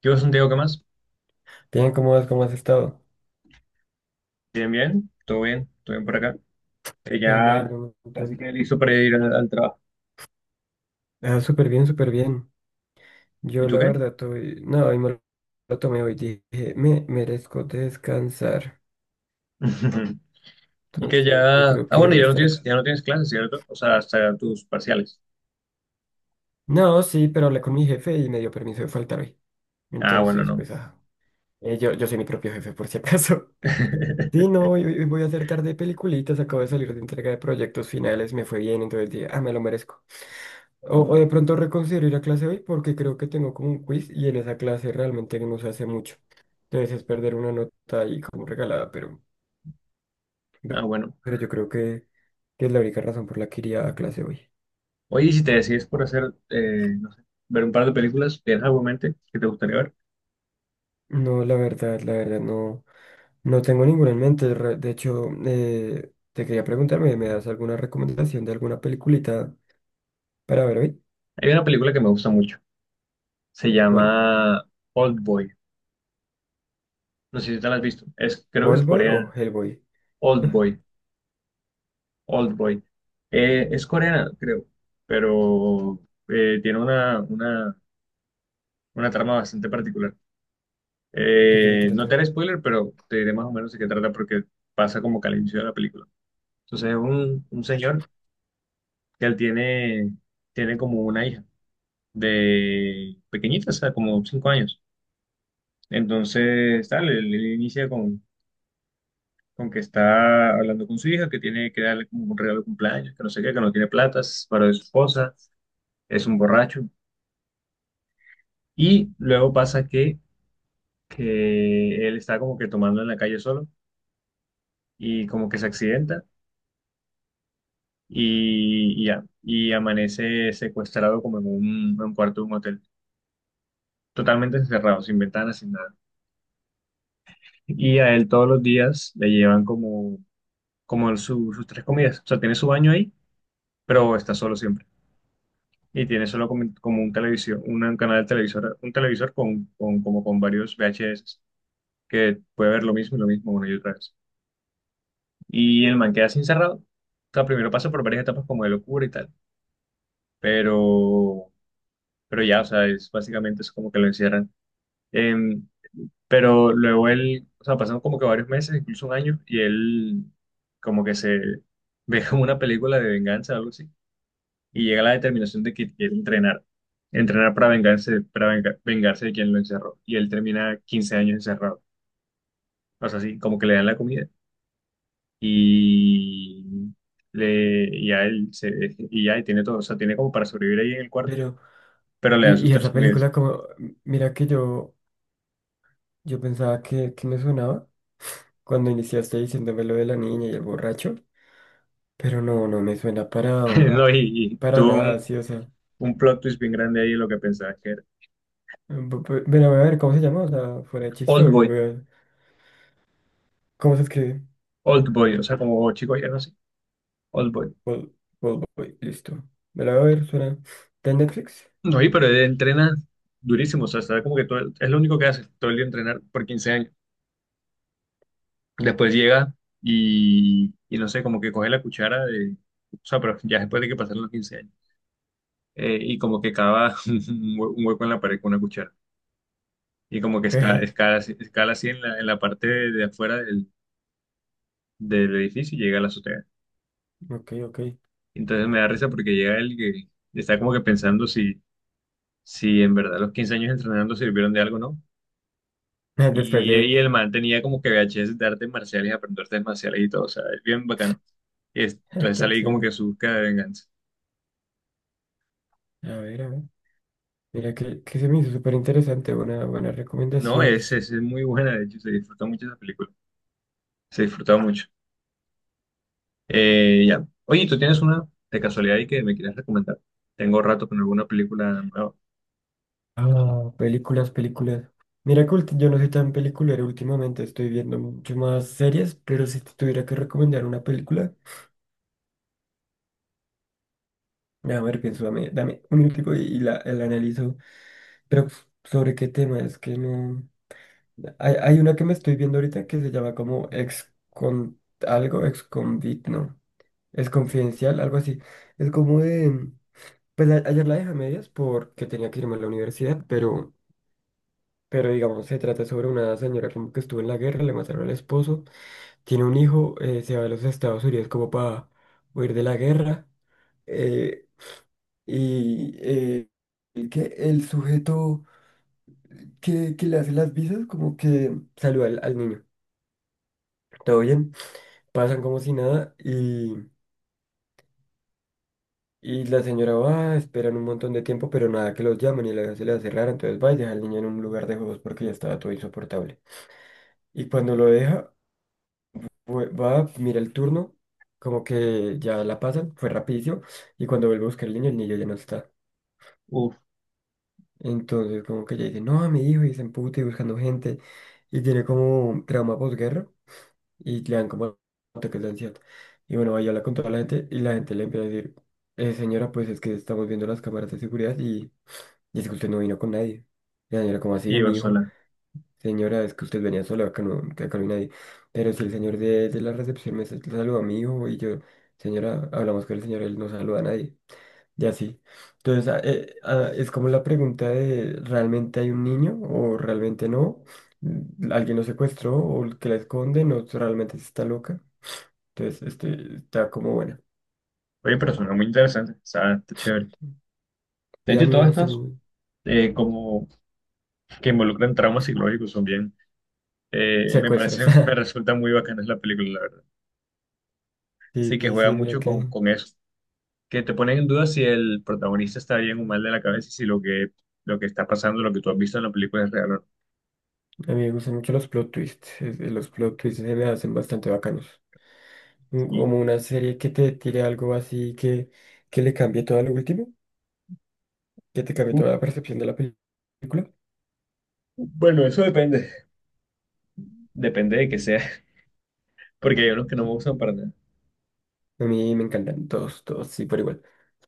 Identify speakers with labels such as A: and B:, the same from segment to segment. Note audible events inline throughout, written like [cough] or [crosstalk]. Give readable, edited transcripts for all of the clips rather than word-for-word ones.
A: ¿Qué vos, Santiago, qué más?
B: Bien, ¿cómo vas? ¿Cómo has estado?
A: Bien, bien, todo bien, todo bien por acá. Que
B: Ah, me
A: ya
B: alegro un
A: casi que
B: montón.
A: listo para ir al trabajo.
B: Ah, súper bien, súper bien.
A: ¿Y
B: Yo
A: tú
B: la
A: qué?
B: verdad estoy... No, hoy me lo tomé hoy. Dije, me merezco descansar.
A: [laughs] Y que
B: Entonces, yo
A: ya.
B: creo
A: Ah,
B: que
A: bueno,
B: voy a
A: ya no
B: estar acá.
A: tienes, ya no tienes clases, ¿cierto? O sea, hasta tus parciales.
B: No, sí, pero hablé con mi jefe y me dio permiso de faltar hoy.
A: Ah, bueno,
B: Entonces,
A: no.
B: pues, yo soy mi propio jefe, por si acaso. [laughs] Sí, no,
A: [laughs]
B: hoy voy a hacer tarde de peliculitas. Acabo de salir de entrega de proyectos finales. Me fue bien, entonces dije, ah, me lo merezco. O de pronto reconsidero ir a clase hoy porque creo que tengo como un quiz y en esa clase realmente no se hace mucho. Entonces es perder una nota ahí como regalada,
A: Ah, bueno.
B: pero yo creo que es la única razón por la que iría a clase hoy.
A: Oye, ¿y si te decides por hacer, no sé, ver un par de películas, ¿tienes algo en mente que te gustaría ver?
B: No, la verdad, no, no tengo ninguna en mente. De hecho, te quería preguntarme, ¿me das alguna recomendación de alguna peliculita para ver hoy?
A: Hay una película que me gusta mucho. Se
B: ¿Cuál?
A: llama Old Boy. No sé si te la has visto. Es, creo que es
B: ¿Hellboy
A: coreana.
B: o Hellboy?
A: Old
B: [laughs]
A: Boy. Oldboy. Es coreana, creo, pero tiene una trama bastante particular.
B: ¿De qué se
A: No te
B: trata?
A: haré spoiler, pero te diré más o menos de qué trata porque pasa como que al inicio de la película. Entonces es un señor que él tiene, tiene como una hija de pequeñita, o sea, como cinco años. Entonces, tal, él inicia con que está hablando con su hija, que tiene que darle como un regalo de cumpleaños, que no sé qué, que no tiene platas para su esposa, es un borracho. Y luego pasa que él está como que tomando en la calle solo y como que se accidenta y ya, y amanece secuestrado como en en un cuarto de un hotel, totalmente encerrado, sin ventanas, sin nada. Y a él todos los días le llevan como sus tres comidas. O sea, tiene su baño ahí, pero está solo siempre. Y tiene solo como un televisión, un canal de televisor, un televisor como con varios VHS que puede ver lo mismo y lo mismo una y otra vez. Y el man queda así encerrado. O sea, primero pasa por varias etapas como de locura y tal. Pero, pero ya, o sea, es básicamente es como que lo encierran. Em, pero luego él, o sea, pasan como que varios meses, incluso un año, y él como que se [laughs] ve como una película de venganza o algo así. Y llega a la determinación de que quiere entrenar. Entrenar para vengarse, para vengarse de quien lo encerró. Y él termina 15 años encerrado. O sea, así como que le dan la comida. Y le y a él se, y tiene todo, o sea, tiene como para sobrevivir ahí en el cuarto,
B: Pero,
A: pero le
B: y,
A: dan sus
B: y
A: tres
B: esa
A: comidas.
B: película como, mira que yo... Yo pensaba que me sonaba cuando iniciaste diciéndome lo de la niña y el borracho, pero no, no me suena para,
A: [laughs] No, y
B: para
A: tuvo
B: nada, sí, o sea.
A: un plot twist bien grande ahí lo que pensaba que era
B: Bueno, voy a ver cómo se llama, o sea, fuera de chiste,
A: Old
B: y
A: Boy,
B: voy a ver cómo se escribe.
A: Old Boy, o sea, como chico ya no sé, Old Boy.
B: Vol- Volvoy, listo. Me la voy a ver, suena. ¿Está en Netflix?
A: No, y pero él entrena durísimo, o sea, está como que todo, es lo único que hace, todo el día entrenar por 15 años. Después llega y no sé, como que coge la cuchara de, o sea, pero ya después de que pasaron los 15 años, y como que cava [laughs] un un hueco en la pared con una cuchara. Y como que
B: Ok,
A: escala así en en la parte de afuera del edificio y llega a la azotea.
B: ok, ok.
A: Entonces me da risa porque llega él que está como que pensando si, si en verdad los 15 años entrenando sirvieron de algo o no.
B: [laughs] Después de.
A: Y el man tenía como que VHS de artes marciales, aprender artes marciales y todo, o sea, es bien bacano.
B: [laughs]
A: Entonces
B: Tan
A: sale ahí como
B: chévere.
A: que su búsqueda de venganza.
B: A ver, a ver. Mira que se me hizo súper interesante, buena, buena
A: No,
B: recomendación.
A: es muy buena, de hecho, se disfrutó mucho esa película. Se disfrutó mucho. Ya. Oye, ¿tú tienes una de casualidad y que me quieras recomendar? Tengo rato con alguna película nueva.
B: Ah, películas, películas. Mira que yo no soy tan peliculero últimamente, estoy viendo mucho más series, pero si te tuviera que recomendar una película, a ver, pienso, dame, dame un minutico y la analizo. Pero pues, sobre qué tema, es que no... Hay una que me estoy viendo ahorita que se llama como ex con algo, ex convict, ¿no? Es confidencial, algo así. Es como de... Pues ayer la dejé a medias porque tenía que irme a la universidad, pero... Pero digamos, se trata sobre una señora como que estuvo en la guerra, le mataron al esposo, tiene un hijo, se va a los Estados Unidos como para huir de la guerra. eh, y eh, el que el sujeto que le hace las visas como que saluda al, al niño. Todo bien, pasan como si nada, y la señora va, esperan un montón de tiempo, pero nada que los llaman y la se le hace rara, entonces va y deja al niño en un lugar de juegos porque ya estaba todo insoportable. Y cuando lo deja... Va, mira el turno, como que ya la pasan, fue rapidísimo, y cuando vuelvo a buscar el niño ya no está.
A: Uf,
B: Entonces como que ya dice, no, mi hijo, y se emputa y buscando gente, y tiene como un trauma posguerra, y le dan como ataques de ansiedad. Y bueno, ahí habla con toda la gente, y la gente le empieza a decir: señora, pues es que estamos viendo las cámaras de seguridad, y es que usted no vino con nadie". Y la señora como
A: y
B: así,
A: yo
B: mi hijo.
A: sola.
B: Señora, es que usted venía sola, acá no, que acá no hay nadie. Pero si el señor de la recepción me saluda a mi hijo y yo, señora, hablamos con el señor, él no saluda a nadie. Y así. Entonces, es como la pregunta de, ¿realmente hay un niño o realmente no? ¿Alguien lo secuestró o el que la esconde? ¿No realmente sí está loca? Entonces, este, está como buena.
A: Oye, pero suena muy interesante. O sea, está chévere. De
B: Sí, a
A: hecho,
B: mí me
A: todas
B: gustan
A: estas
B: los
A: como que involucran traumas psicológicos son bien. Me
B: secuestros.
A: parece, [laughs] me
B: [laughs]
A: resulta muy bacana la película, la verdad.
B: Sí,
A: Sí que
B: sí,
A: juega
B: sí, mira
A: mucho
B: que a
A: con eso. Que te ponen en duda si el protagonista está bien o mal de la cabeza y si lo lo que está pasando, lo que tú has visto en la película es real o no.
B: mí me gustan mucho los plot twists. Los plot twists se me hacen bastante bacanos.
A: Y
B: Como una serie que te tire algo así que le cambie todo a lo último, que te cambie
A: uh,
B: toda la percepción de la película.
A: bueno, eso depende. Depende de que sea. [laughs] Porque hay unos que no me gustan para nada.
B: A mí me encantan todos, todos, sí, por igual.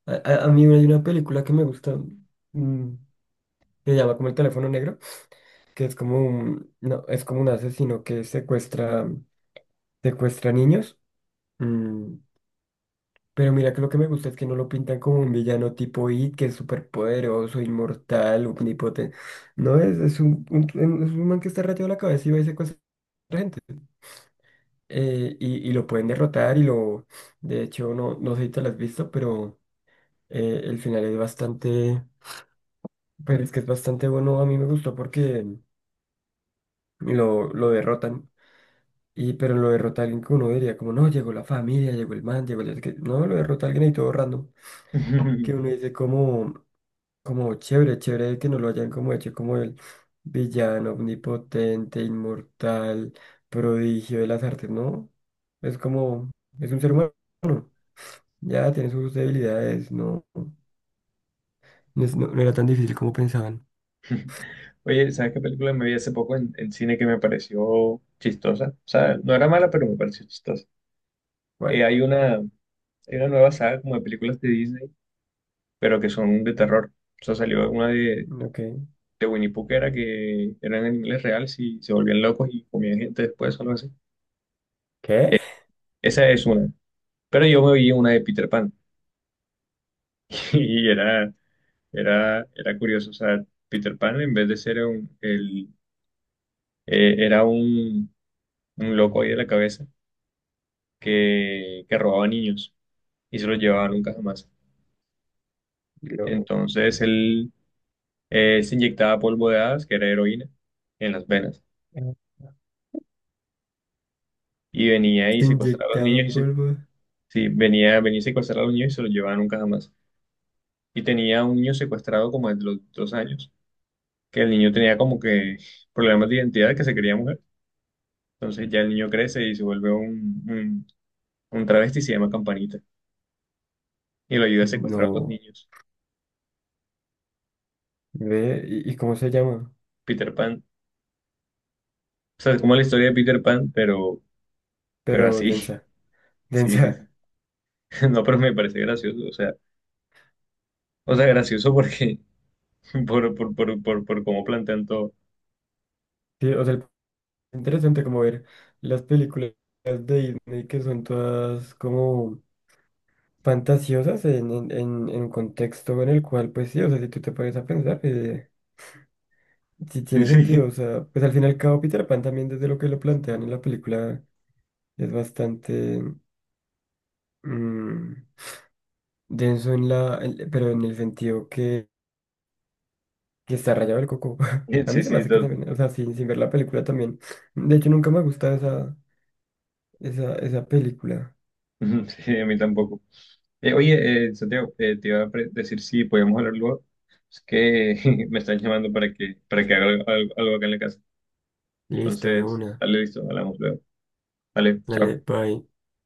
B: A mí hay una película que me gusta, mm, que se llama como El teléfono negro, que es como un, no, es como un asesino que secuestra, secuestra niños. mm, Pero mira que lo que me gusta es que no lo pintan como un villano tipo It, que es súper poderoso, inmortal, omnipotente. No, es un, es un man que está rayado la cabeza y va y secuestra gente. Y lo pueden derrotar y lo... De hecho, no, no sé si te lo has visto, pero el final es bastante... Pero es que es bastante bueno. A mí me gustó porque lo derrotan. Y, pero lo derrota alguien que uno diría como, no, llegó la familia, llegó el man, llegó el... no sé qué. No, lo derrota alguien ahí todo random. Que uno
A: [laughs]
B: dice como... Como chévere, chévere que no lo hayan como hecho como el villano omnipotente, inmortal, prodigio de las artes, ¿no? Es como, es un ser humano, ya tiene sus debilidades, no era tan difícil como pensaban.
A: Oye, ¿sabes qué película me vi hace poco en cine que me pareció chistosa? O sea, no era mala, pero me pareció chistosa.
B: ¿Cuál?
A: Hay hay una nueva saga como de películas de Disney, pero que son de terror. O sea, salió
B: Ok.
A: de Winnie Pooh que era que eran animales reales y se volvían locos y comían gente después o algo así.
B: ¿Qué?
A: Esa es una. Pero yo me vi una de Peter Pan [laughs] y era curioso. O sea, Peter Pan en vez de ser era un loco ahí de la cabeza que robaba niños y se lo llevaba nunca jamás.
B: Lo-
A: Entonces él se inyectaba polvo de hadas, que era heroína, en las venas. Y venía y
B: Se
A: secuestraba a los
B: inyectaba
A: niños
B: polvo.
A: sí, venía y secuestraba a los niños y se los llevaba nunca jamás. Y tenía un niño secuestrado como de los dos años, que el niño tenía como que problemas de identidad, que se quería mujer. Entonces ya el niño crece y se vuelve un, un travesti y se llama Campanita. Y lo ayuda a secuestrar a otros
B: No,
A: niños.
B: ve, y cómo se llama?
A: Peter Pan. O sea, es como la historia de Peter Pan, pero
B: Pero
A: así. [laughs]
B: densa,
A: Sí, sí, sí.
B: densa.
A: [laughs] No, pero me parece gracioso. O sea, o sea, gracioso porque [laughs] por cómo plantean todo.
B: Sí, o sea, interesante como ver las películas de Disney que son todas como fantasiosas en un contexto en el cual, pues sí, o sea, si tú te pones a pensar, sí
A: Sí,
B: tiene sentido,
A: sí,
B: o sea, pues al fin y al cabo Peter Pan también desde lo que lo plantean en la película es bastante mm, denso en la, pero en el sentido que está rayado el coco. [laughs]
A: [laughs]
B: A mí
A: sí,
B: se me
A: sí,
B: hace que también, o sea, sin ver la película también. De hecho, nunca me ha gustado esa película.
A: [laughs] sí, a mí tampoco. Oye, Santiago, te iba a decir si podíamos hablar luego. Es que [laughs] me están llamando para para que haga algo, algo acá en la casa.
B: Listo, de
A: Entonces,
B: una.
A: dale, listo, hablamos luego. Dale,
B: Dale,
A: chao.
B: bye.